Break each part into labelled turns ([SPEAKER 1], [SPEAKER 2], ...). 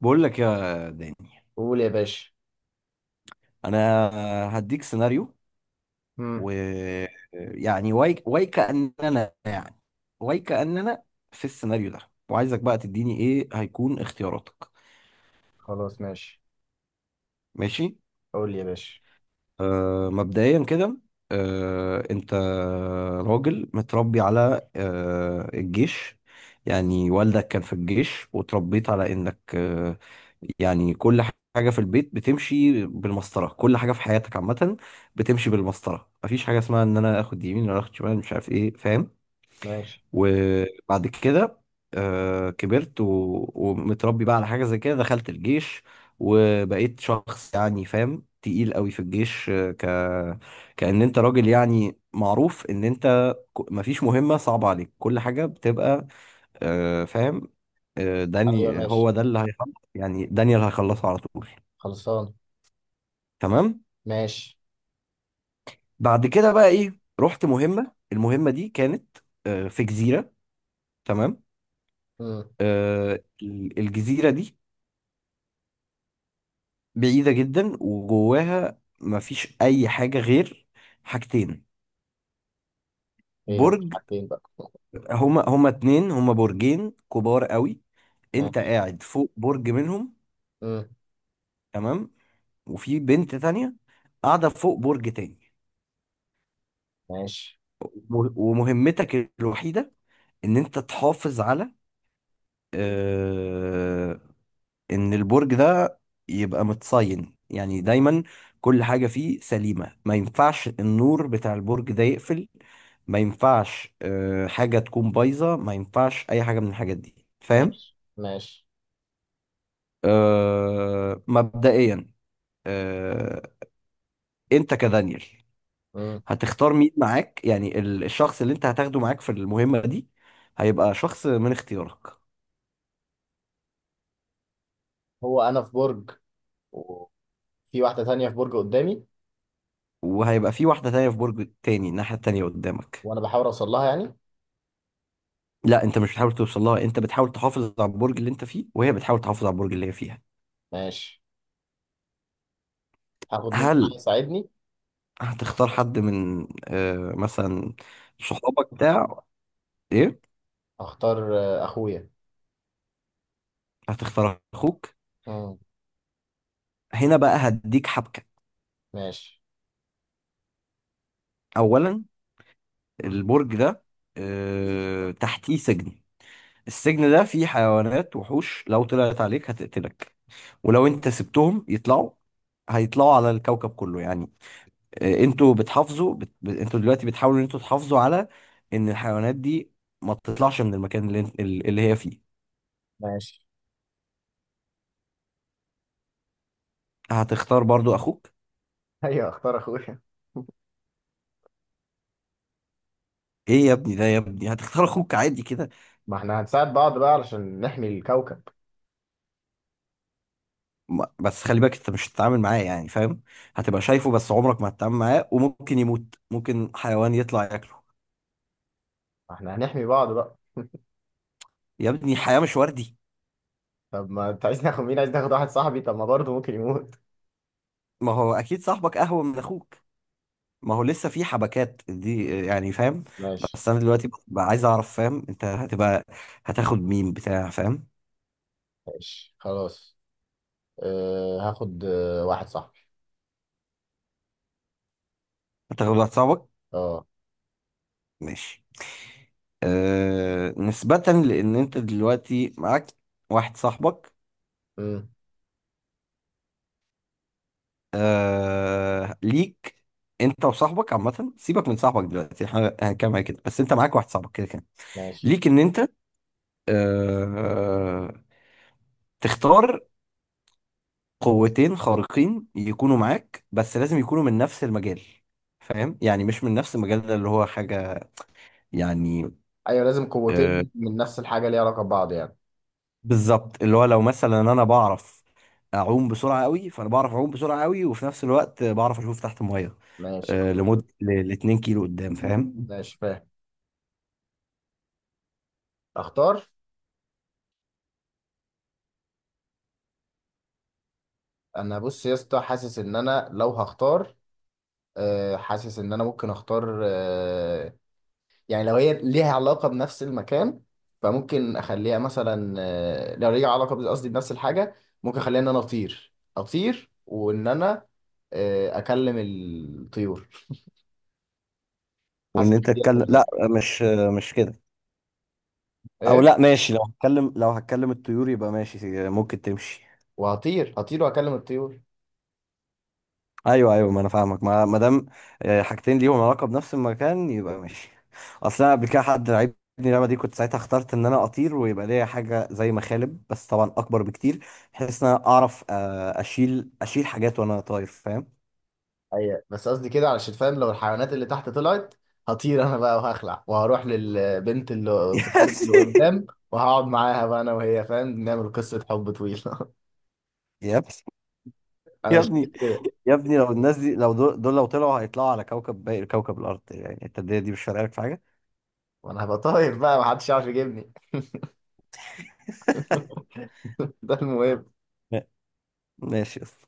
[SPEAKER 1] بقول لك يا داني،
[SPEAKER 2] قول يا باشا.
[SPEAKER 1] انا هديك سيناريو،
[SPEAKER 2] امم.
[SPEAKER 1] و يعني واي واي كأننا يعني واي كأننا في السيناريو ده، وعايزك بقى تديني ايه هيكون اختياراتك.
[SPEAKER 2] خلاص، ماشي.
[SPEAKER 1] ماشي.
[SPEAKER 2] قول يا باشا.
[SPEAKER 1] مبدئيا كده. انت راجل متربي على الجيش، يعني والدك كان في الجيش وتربيت على انك، يعني كل حاجة في البيت بتمشي بالمسطرة، كل حاجة في حياتك عامة بتمشي بالمسطرة، مفيش حاجة اسمها ان انا اخد يمين ولا اخد شمال مش عارف ايه، فاهم؟
[SPEAKER 2] ماشي.
[SPEAKER 1] وبعد كده كبرت ومتربي بقى على حاجة زي كده، دخلت الجيش وبقيت شخص يعني فاهم تقيل قوي في الجيش، كأن انت راجل يعني معروف ان انت مفيش مهمة صعبة عليك، كل حاجة بتبقى، فاهم.
[SPEAKER 2] ايوه،
[SPEAKER 1] داني هو
[SPEAKER 2] ماشي.
[SPEAKER 1] ده اللي هيخلص، يعني دانيال هيخلصه على طول.
[SPEAKER 2] خلصان.
[SPEAKER 1] تمام.
[SPEAKER 2] ماشي.
[SPEAKER 1] بعد كده بقى ايه، رحت مهمة، المهمة دي كانت في جزيرة. تمام.
[SPEAKER 2] امم.
[SPEAKER 1] آه، الجزيرة دي بعيدة جدا وجواها مفيش أي حاجة غير حاجتين،
[SPEAKER 2] ايه هو
[SPEAKER 1] برج.
[SPEAKER 2] حاجتين بقى؟
[SPEAKER 1] هما اتنين، هما برجين كبار قوي. انت
[SPEAKER 2] ماشي.
[SPEAKER 1] قاعد فوق برج منهم.
[SPEAKER 2] امم.
[SPEAKER 1] تمام. وفي بنت تانية قاعدة فوق برج تاني.
[SPEAKER 2] ماشي.
[SPEAKER 1] ومهمتك الوحيدة ان انت تحافظ على، آه، ان البرج ده يبقى متصين يعني دايما، كل حاجة فيه سليمة، ما ينفعش النور بتاع البرج ده يقفل، ما ينفعش حاجة تكون بايظة، ما ينفعش اي حاجة من الحاجات دي، فاهم؟
[SPEAKER 2] ماشي. ماشي.
[SPEAKER 1] مبدئيا آه، انت كدانيال
[SPEAKER 2] امم.
[SPEAKER 1] هتختار مين معاك، يعني الشخص اللي انت هتاخده معاك في المهمة دي هيبقى شخص من اختيارك.
[SPEAKER 2] هو انا في برج، وفي واحده تانية في برج قدامي؟
[SPEAKER 1] وهيبقى في واحدة تانية في برج تاني الناحية التانية قدامك.
[SPEAKER 2] وانا بحاول اوصل لها يعني.
[SPEAKER 1] لا، انت مش بتحاول توصل لها، انت بتحاول تحافظ على البرج اللي انت فيه وهي بتحاول تحافظ على البرج اللي هي فيها.
[SPEAKER 2] ماشي. هاخد مين
[SPEAKER 1] هل
[SPEAKER 2] معايا يساعدني؟
[SPEAKER 1] هتختار حد من مثلا صحابك بتاع ايه؟
[SPEAKER 2] اختار اخويا.
[SPEAKER 1] هتختار اخوك.
[SPEAKER 2] امم.
[SPEAKER 1] هنا بقى هديك حبكة.
[SPEAKER 2] ماشي.
[SPEAKER 1] اولا، البرج ده تحتيه سجن، السجن ده فيه حيوانات وحوش، لو طلعت عليك هتقتلك، ولو انت سبتهم يطلعوا هيطلعوا على الكوكب كله يعني. انتوا بتحافظوا انتوا دلوقتي بتحاولوا ان انتوا تحافظوا على ان الحيوانات دي ما تطلعش من المكان اللي هي فيه.
[SPEAKER 2] ماشي.
[SPEAKER 1] هتختار برضو اخوك؟
[SPEAKER 2] ايوه، اختار اخويا.
[SPEAKER 1] ايه يا ابني ده يا ابني، هتختار اخوك عادي كده؟
[SPEAKER 2] ما احنا هنساعد بعض بقى علشان نحمي الكوكب.
[SPEAKER 1] بس خلي بالك انت مش هتتعامل معاه، يعني فاهم، هتبقى شايفه بس عمرك ما هتتعامل معاه، وممكن يموت ممكن حيوان يطلع ياكله.
[SPEAKER 2] ما احنا هنحمي بعض بقى.
[SPEAKER 1] يا ابني الحياة مش وردي.
[SPEAKER 2] طب ما انت عايز ناخد مين؟ عايز ناخد واحد صاحبي؟ طب، ما برضه ممكن يموت.
[SPEAKER 1] ما هو اكيد صاحبك اهون من اخوك. ما هو لسه في حبكات دي يعني فاهم.
[SPEAKER 2] ماشي،
[SPEAKER 1] بس انا دلوقتي بقى عايز اعرف، فاهم، انت هتبقى هتاخد مين بتاع، فاهم؟
[SPEAKER 2] ماشي، خلاص. أه، هاخد واحد صاحبي.
[SPEAKER 1] هتاخد واحد صاحبك.
[SPEAKER 2] اه.
[SPEAKER 1] ماشي. نسبة لأن أنت دلوقتي معاك واحد صاحبك،
[SPEAKER 2] امم.
[SPEAKER 1] ليك، أنت وصاحبك عامة سيبك من صاحبك دلوقتي، احنا هنتكلم على كده، بس أنت معاك واحد صاحبك كده كده.
[SPEAKER 2] ماشي.
[SPEAKER 1] ليك إن أنت آه تختار قوتين خارقين يكونوا معاك، بس لازم يكونوا من نفس المجال، فاهم؟ يعني مش من نفس المجال ده اللي هو حاجة يعني.
[SPEAKER 2] ايوه، لازم
[SPEAKER 1] آه،
[SPEAKER 2] قوتين من نفس الحاجه، ليها علاقه ببعض يعني.
[SPEAKER 1] بالظبط، اللي هو لو مثلا انا بعرف اعوم بسرعه قوي، فانا بعرف اعوم بسرعه قوي وفي نفس الوقت بعرف اشوف تحت الميه
[SPEAKER 2] ماشي، خلاص.
[SPEAKER 1] لمده ل 2 كيلو قدام، فاهم.
[SPEAKER 2] ماشي، فاهم. اختار. انا بص يا اسطى، حاسس ان انا لو هختار، حاسس ان انا ممكن اختار، يعني لو هي ليها علاقة بنفس المكان، فممكن أخليها مثلا، لو ليها علاقة قصدي بنفس الحاجة. ممكن أخليها إن أنا أطير أطير، وإن أنا أكلم الطيور.
[SPEAKER 1] وان
[SPEAKER 2] حاسس إن
[SPEAKER 1] انت
[SPEAKER 2] دي
[SPEAKER 1] تتكلم،
[SPEAKER 2] هتبقى
[SPEAKER 1] لا
[SPEAKER 2] ذكية.
[SPEAKER 1] مش مش كده، او
[SPEAKER 2] إيه؟
[SPEAKER 1] لا ماشي، لو هتكلم لو هتكلم الطيور يبقى ماشي ممكن تمشي.
[SPEAKER 2] وهطير هطير وأكلم الطيور.
[SPEAKER 1] ايوه ايوه، ما انا فاهمك، ما دام حاجتين ليهم علاقه بنفس المكان يبقى ماشي. اصل انا قبل كده حد لعبني اللعبه دي، كنت ساعتها اخترت ان انا اطير ويبقى ليا حاجه زي مخالب، بس طبعا اكبر بكتير، بحيث ان انا اعرف اشيل حاجات وانا طاير، فاهم.
[SPEAKER 2] أيوة، بس قصدي كده علشان فاهم، لو الحيوانات اللي تحت طلعت، هطير أنا بقى، وهخلع، وهروح للبنت اللي في البرج اللي قدام. وهقعد معاها بقى أنا وهي، فاهم، نعمل قصة حب طويلة.
[SPEAKER 1] يا اخي،
[SPEAKER 2] أنا
[SPEAKER 1] يا
[SPEAKER 2] شايف
[SPEAKER 1] ابني،
[SPEAKER 2] كده.
[SPEAKER 1] يا ابني يا ابني، لو الناس دي، لو دول لو طلعوا هيطلعوا على كوكب، باقي كوكب الارض يعني التدرية دي مش فارقه لك في حاجه.
[SPEAKER 2] وأنا هبقى طاير بقى، محدش يعرف يجيبني. ده المهم.
[SPEAKER 1] ماشي يا اسطى،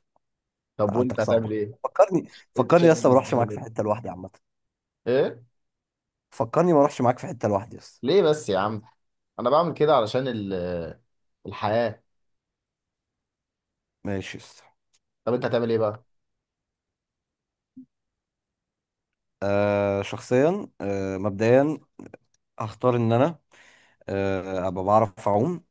[SPEAKER 2] طب وانت
[SPEAKER 1] حالتك
[SPEAKER 2] هتعمل
[SPEAKER 1] صعبه.
[SPEAKER 2] ايه؟
[SPEAKER 1] فكرني
[SPEAKER 2] انت
[SPEAKER 1] فكرني
[SPEAKER 2] شايف
[SPEAKER 1] يا اسطى ما
[SPEAKER 2] انك
[SPEAKER 1] اروحش معاك
[SPEAKER 2] هتعمل
[SPEAKER 1] في
[SPEAKER 2] ايه؟
[SPEAKER 1] حته لوحدي عامه.
[SPEAKER 2] ايه؟
[SPEAKER 1] فكرني ما اروحش معاك في حته لوحدي يا اسطى.
[SPEAKER 2] ليه بس يا عم؟ انا بعمل كده علشان الحياة.
[SPEAKER 1] ماشي يا اسطى.
[SPEAKER 2] طب انت هتعمل ايه بقى؟
[SPEAKER 1] شخصيا مبدئيا هختار ان انا ابقى بعرف اعوم،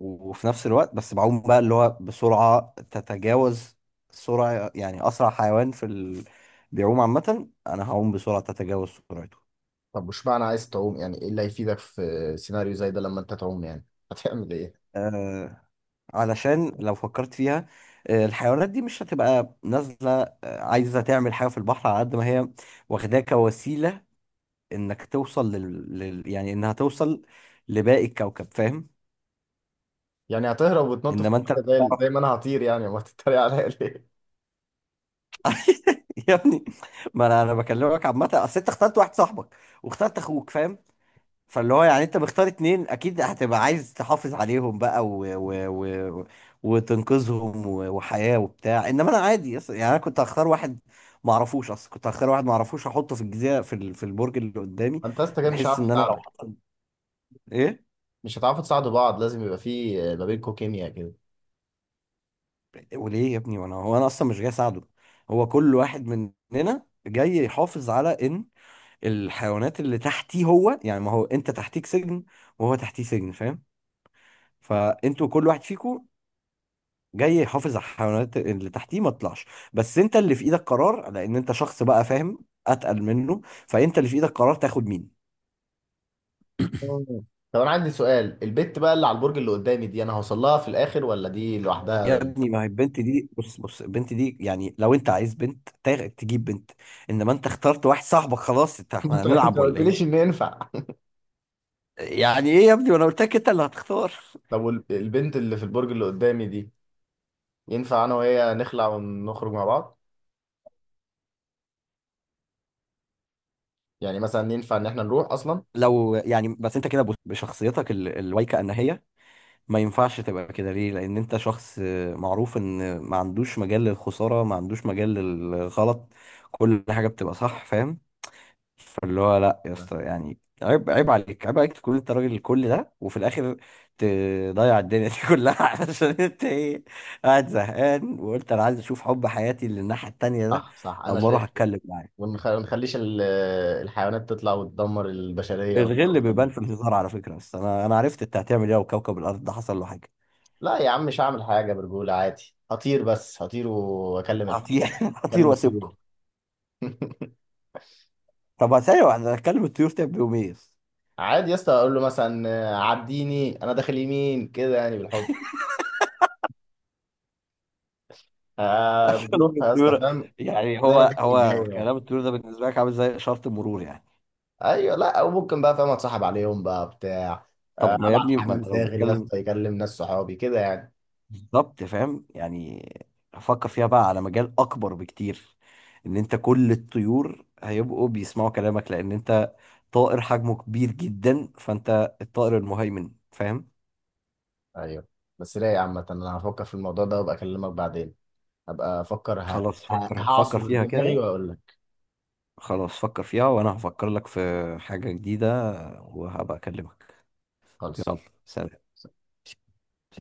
[SPEAKER 1] وفي نفس الوقت بس بعوم بقى اللي هو بسرعه تتجاوز سرعه، يعني اسرع حيوان في بيعوم عامه انا هعوم بسرعه تتجاوز سرعته.
[SPEAKER 2] طب، مش معنى عايز تعوم، يعني ايه اللي هيفيدك في سيناريو زي ده لما انت تعوم يعني؟ هتعمل ايه؟
[SPEAKER 1] آه علشان لو فكرت فيها، الحيوانات دي مش هتبقى نازلة، عايزة تعمل حاجة في البحر، على قد ما هي واخداه كوسيلة انك توصل يعني انها توصل لباقي الكوكب، فاهم.
[SPEAKER 2] يعني هتهرب وتنط في
[SPEAKER 1] انما انت لو
[SPEAKER 2] المية، زي
[SPEAKER 1] تعرف.
[SPEAKER 2] زي ما انا هطير يعني، امال تتريق عليا ليه؟
[SPEAKER 1] يا ابني، ما انا بكلمك عامه، اصل انت اخترت واحد صاحبك واخترت اخوك، فاهم، فاللي هو يعني انت مختار اتنين اكيد هتبقى عايز تحافظ عليهم بقى و... وتنقذهم وحياة وبتاع، انما انا عادي، يعني انا كنت هختار واحد ما اعرفوش اصلا، كنت هختار واحد ما اعرفوش احطه في الجزيره في في البرج اللي قدامي،
[SPEAKER 2] انت يا اسطى كده مش
[SPEAKER 1] بحيث
[SPEAKER 2] هعرف
[SPEAKER 1] ان انا لو
[SPEAKER 2] اساعدك.
[SPEAKER 1] حصل ايه.
[SPEAKER 2] مش هتعرفوا تساعدوا بعض، لازم يبقى في ما بينكم كيمياء كده.
[SPEAKER 1] وليه يا ابني، وانا هو انا اصلا مش جاي اساعده، هو كل واحد مننا جاي يحافظ على ان الحيوانات اللي تحتيه، هو يعني ما هو انت تحتيك سجن وهو تحتيه سجن، فاهم، فانتوا كل واحد فيكم جاي يحافظ على الحيوانات اللي تحتيه ما تطلعش، بس انت اللي في ايدك قرار لان انت شخص بقى فاهم اتقل منه، فانت اللي في ايدك قرار تاخد مين.
[SPEAKER 2] مم. طب انا عندي سؤال، البت بقى اللي على البرج اللي قدامي دي، انا هوصل لها في الاخر ولا دي لوحدها؟
[SPEAKER 1] يا ابني ما هي البنت دي، بص بص البنت دي يعني لو انت عايز بنت تجيب بنت، انما انت اخترت واحد صاحبك خلاص، انت احنا
[SPEAKER 2] انت
[SPEAKER 1] هنلعب
[SPEAKER 2] ما
[SPEAKER 1] ولا
[SPEAKER 2] قلتليش ان
[SPEAKER 1] ايه؟
[SPEAKER 2] ينفع.
[SPEAKER 1] يعني ايه يا ابني، وانا قلت لك انت اللي هتختار.
[SPEAKER 2] طب، والبنت اللي في البرج اللي قدامي دي، ينفع انا وهي نخلع ونخرج مع بعض؟ يعني مثلا ينفع ان احنا نروح اصلا؟
[SPEAKER 1] لو يعني بس انت كده بشخصيتك الوايكه انهيه ما ينفعش تبقى كده، ليه؟ لان انت شخص معروف ان ما عندوش مجال للخساره، ما عندوش مجال للغلط، كل حاجه بتبقى صح، فاهم، فاللي هو لا يا
[SPEAKER 2] لا.
[SPEAKER 1] اسطى، يعني عيب عيب عليك عيب عليك تكون انت راجل الكل ده وفي الاخر تضيع الدنيا دي كلها عشان انت ايه، قاعد زهقان وقلت انا عايز اشوف حب حياتي اللي الناحيه التانيه ده
[SPEAKER 2] صح، صح، انا
[SPEAKER 1] اما اروح
[SPEAKER 2] شايف كده.
[SPEAKER 1] اتكلم معاه.
[SPEAKER 2] ونخليش الحيوانات تطلع وتدمر البشرية
[SPEAKER 1] الغل
[SPEAKER 2] والكوكب.
[SPEAKER 1] بيبان في الهزار على فكره، بس انا عرفت انت هتعمل ايه، وكوكب الارض ده حصل له حاجه.
[SPEAKER 2] لا يا عم، مش هعمل حاجة، برجولة عادي، هطير، بس هطير واكلم الح...
[SPEAKER 1] هطير هطير
[SPEAKER 2] اكلم
[SPEAKER 1] واسيبكم.
[SPEAKER 2] الطيور.
[SPEAKER 1] طب ثانيه واحده، اتكلم الطيور تعمل بيهم ايه؟
[SPEAKER 2] عادي يا اسطى، اقول له مثلا عديني انا داخل يمين كده، يعني بالحب. آه،
[SPEAKER 1] اكلم
[SPEAKER 2] بتروح يا اسطى،
[SPEAKER 1] الطيور.
[SPEAKER 2] فاهم؟
[SPEAKER 1] يعني
[SPEAKER 2] زي
[SPEAKER 1] هو
[SPEAKER 2] ما تيجي في
[SPEAKER 1] هو
[SPEAKER 2] الجو يعني.
[SPEAKER 1] كلام الطيور ده بالنسبه لك عامل زي اشاره المرور يعني؟
[SPEAKER 2] ايوه. لا، وممكن بقى، فاهم، اتصاحب عليهم بقى، بتاع،
[SPEAKER 1] طب ما يا
[SPEAKER 2] ابعت
[SPEAKER 1] ابني ما
[SPEAKER 2] حمام
[SPEAKER 1] انت لو
[SPEAKER 2] زاغل يا
[SPEAKER 1] بتتكلم
[SPEAKER 2] اسطى، يكلم ناس صحابي كده يعني.
[SPEAKER 1] بالظبط، فاهم يعني، فكر فيها بقى على مجال اكبر بكتير، ان انت كل الطيور هيبقوا بيسمعوا كلامك، لان انت طائر حجمه كبير جدا فانت الطائر المهيمن، فاهم.
[SPEAKER 2] ايوه، بس رايق عامة. انا هفكر في الموضوع ده وابقى اكلمك بعدين. هبقى افكر،
[SPEAKER 1] خلاص فكر فكر
[SPEAKER 2] هعصر
[SPEAKER 1] فيها
[SPEAKER 2] دماغي
[SPEAKER 1] كده.
[SPEAKER 2] واقول لك.
[SPEAKER 1] خلاص فكر فيها وانا هفكر لك في حاجة جديدة وهبقى اكلمك. يلا،
[SPEAKER 2] خلصان.
[SPEAKER 1] سلام.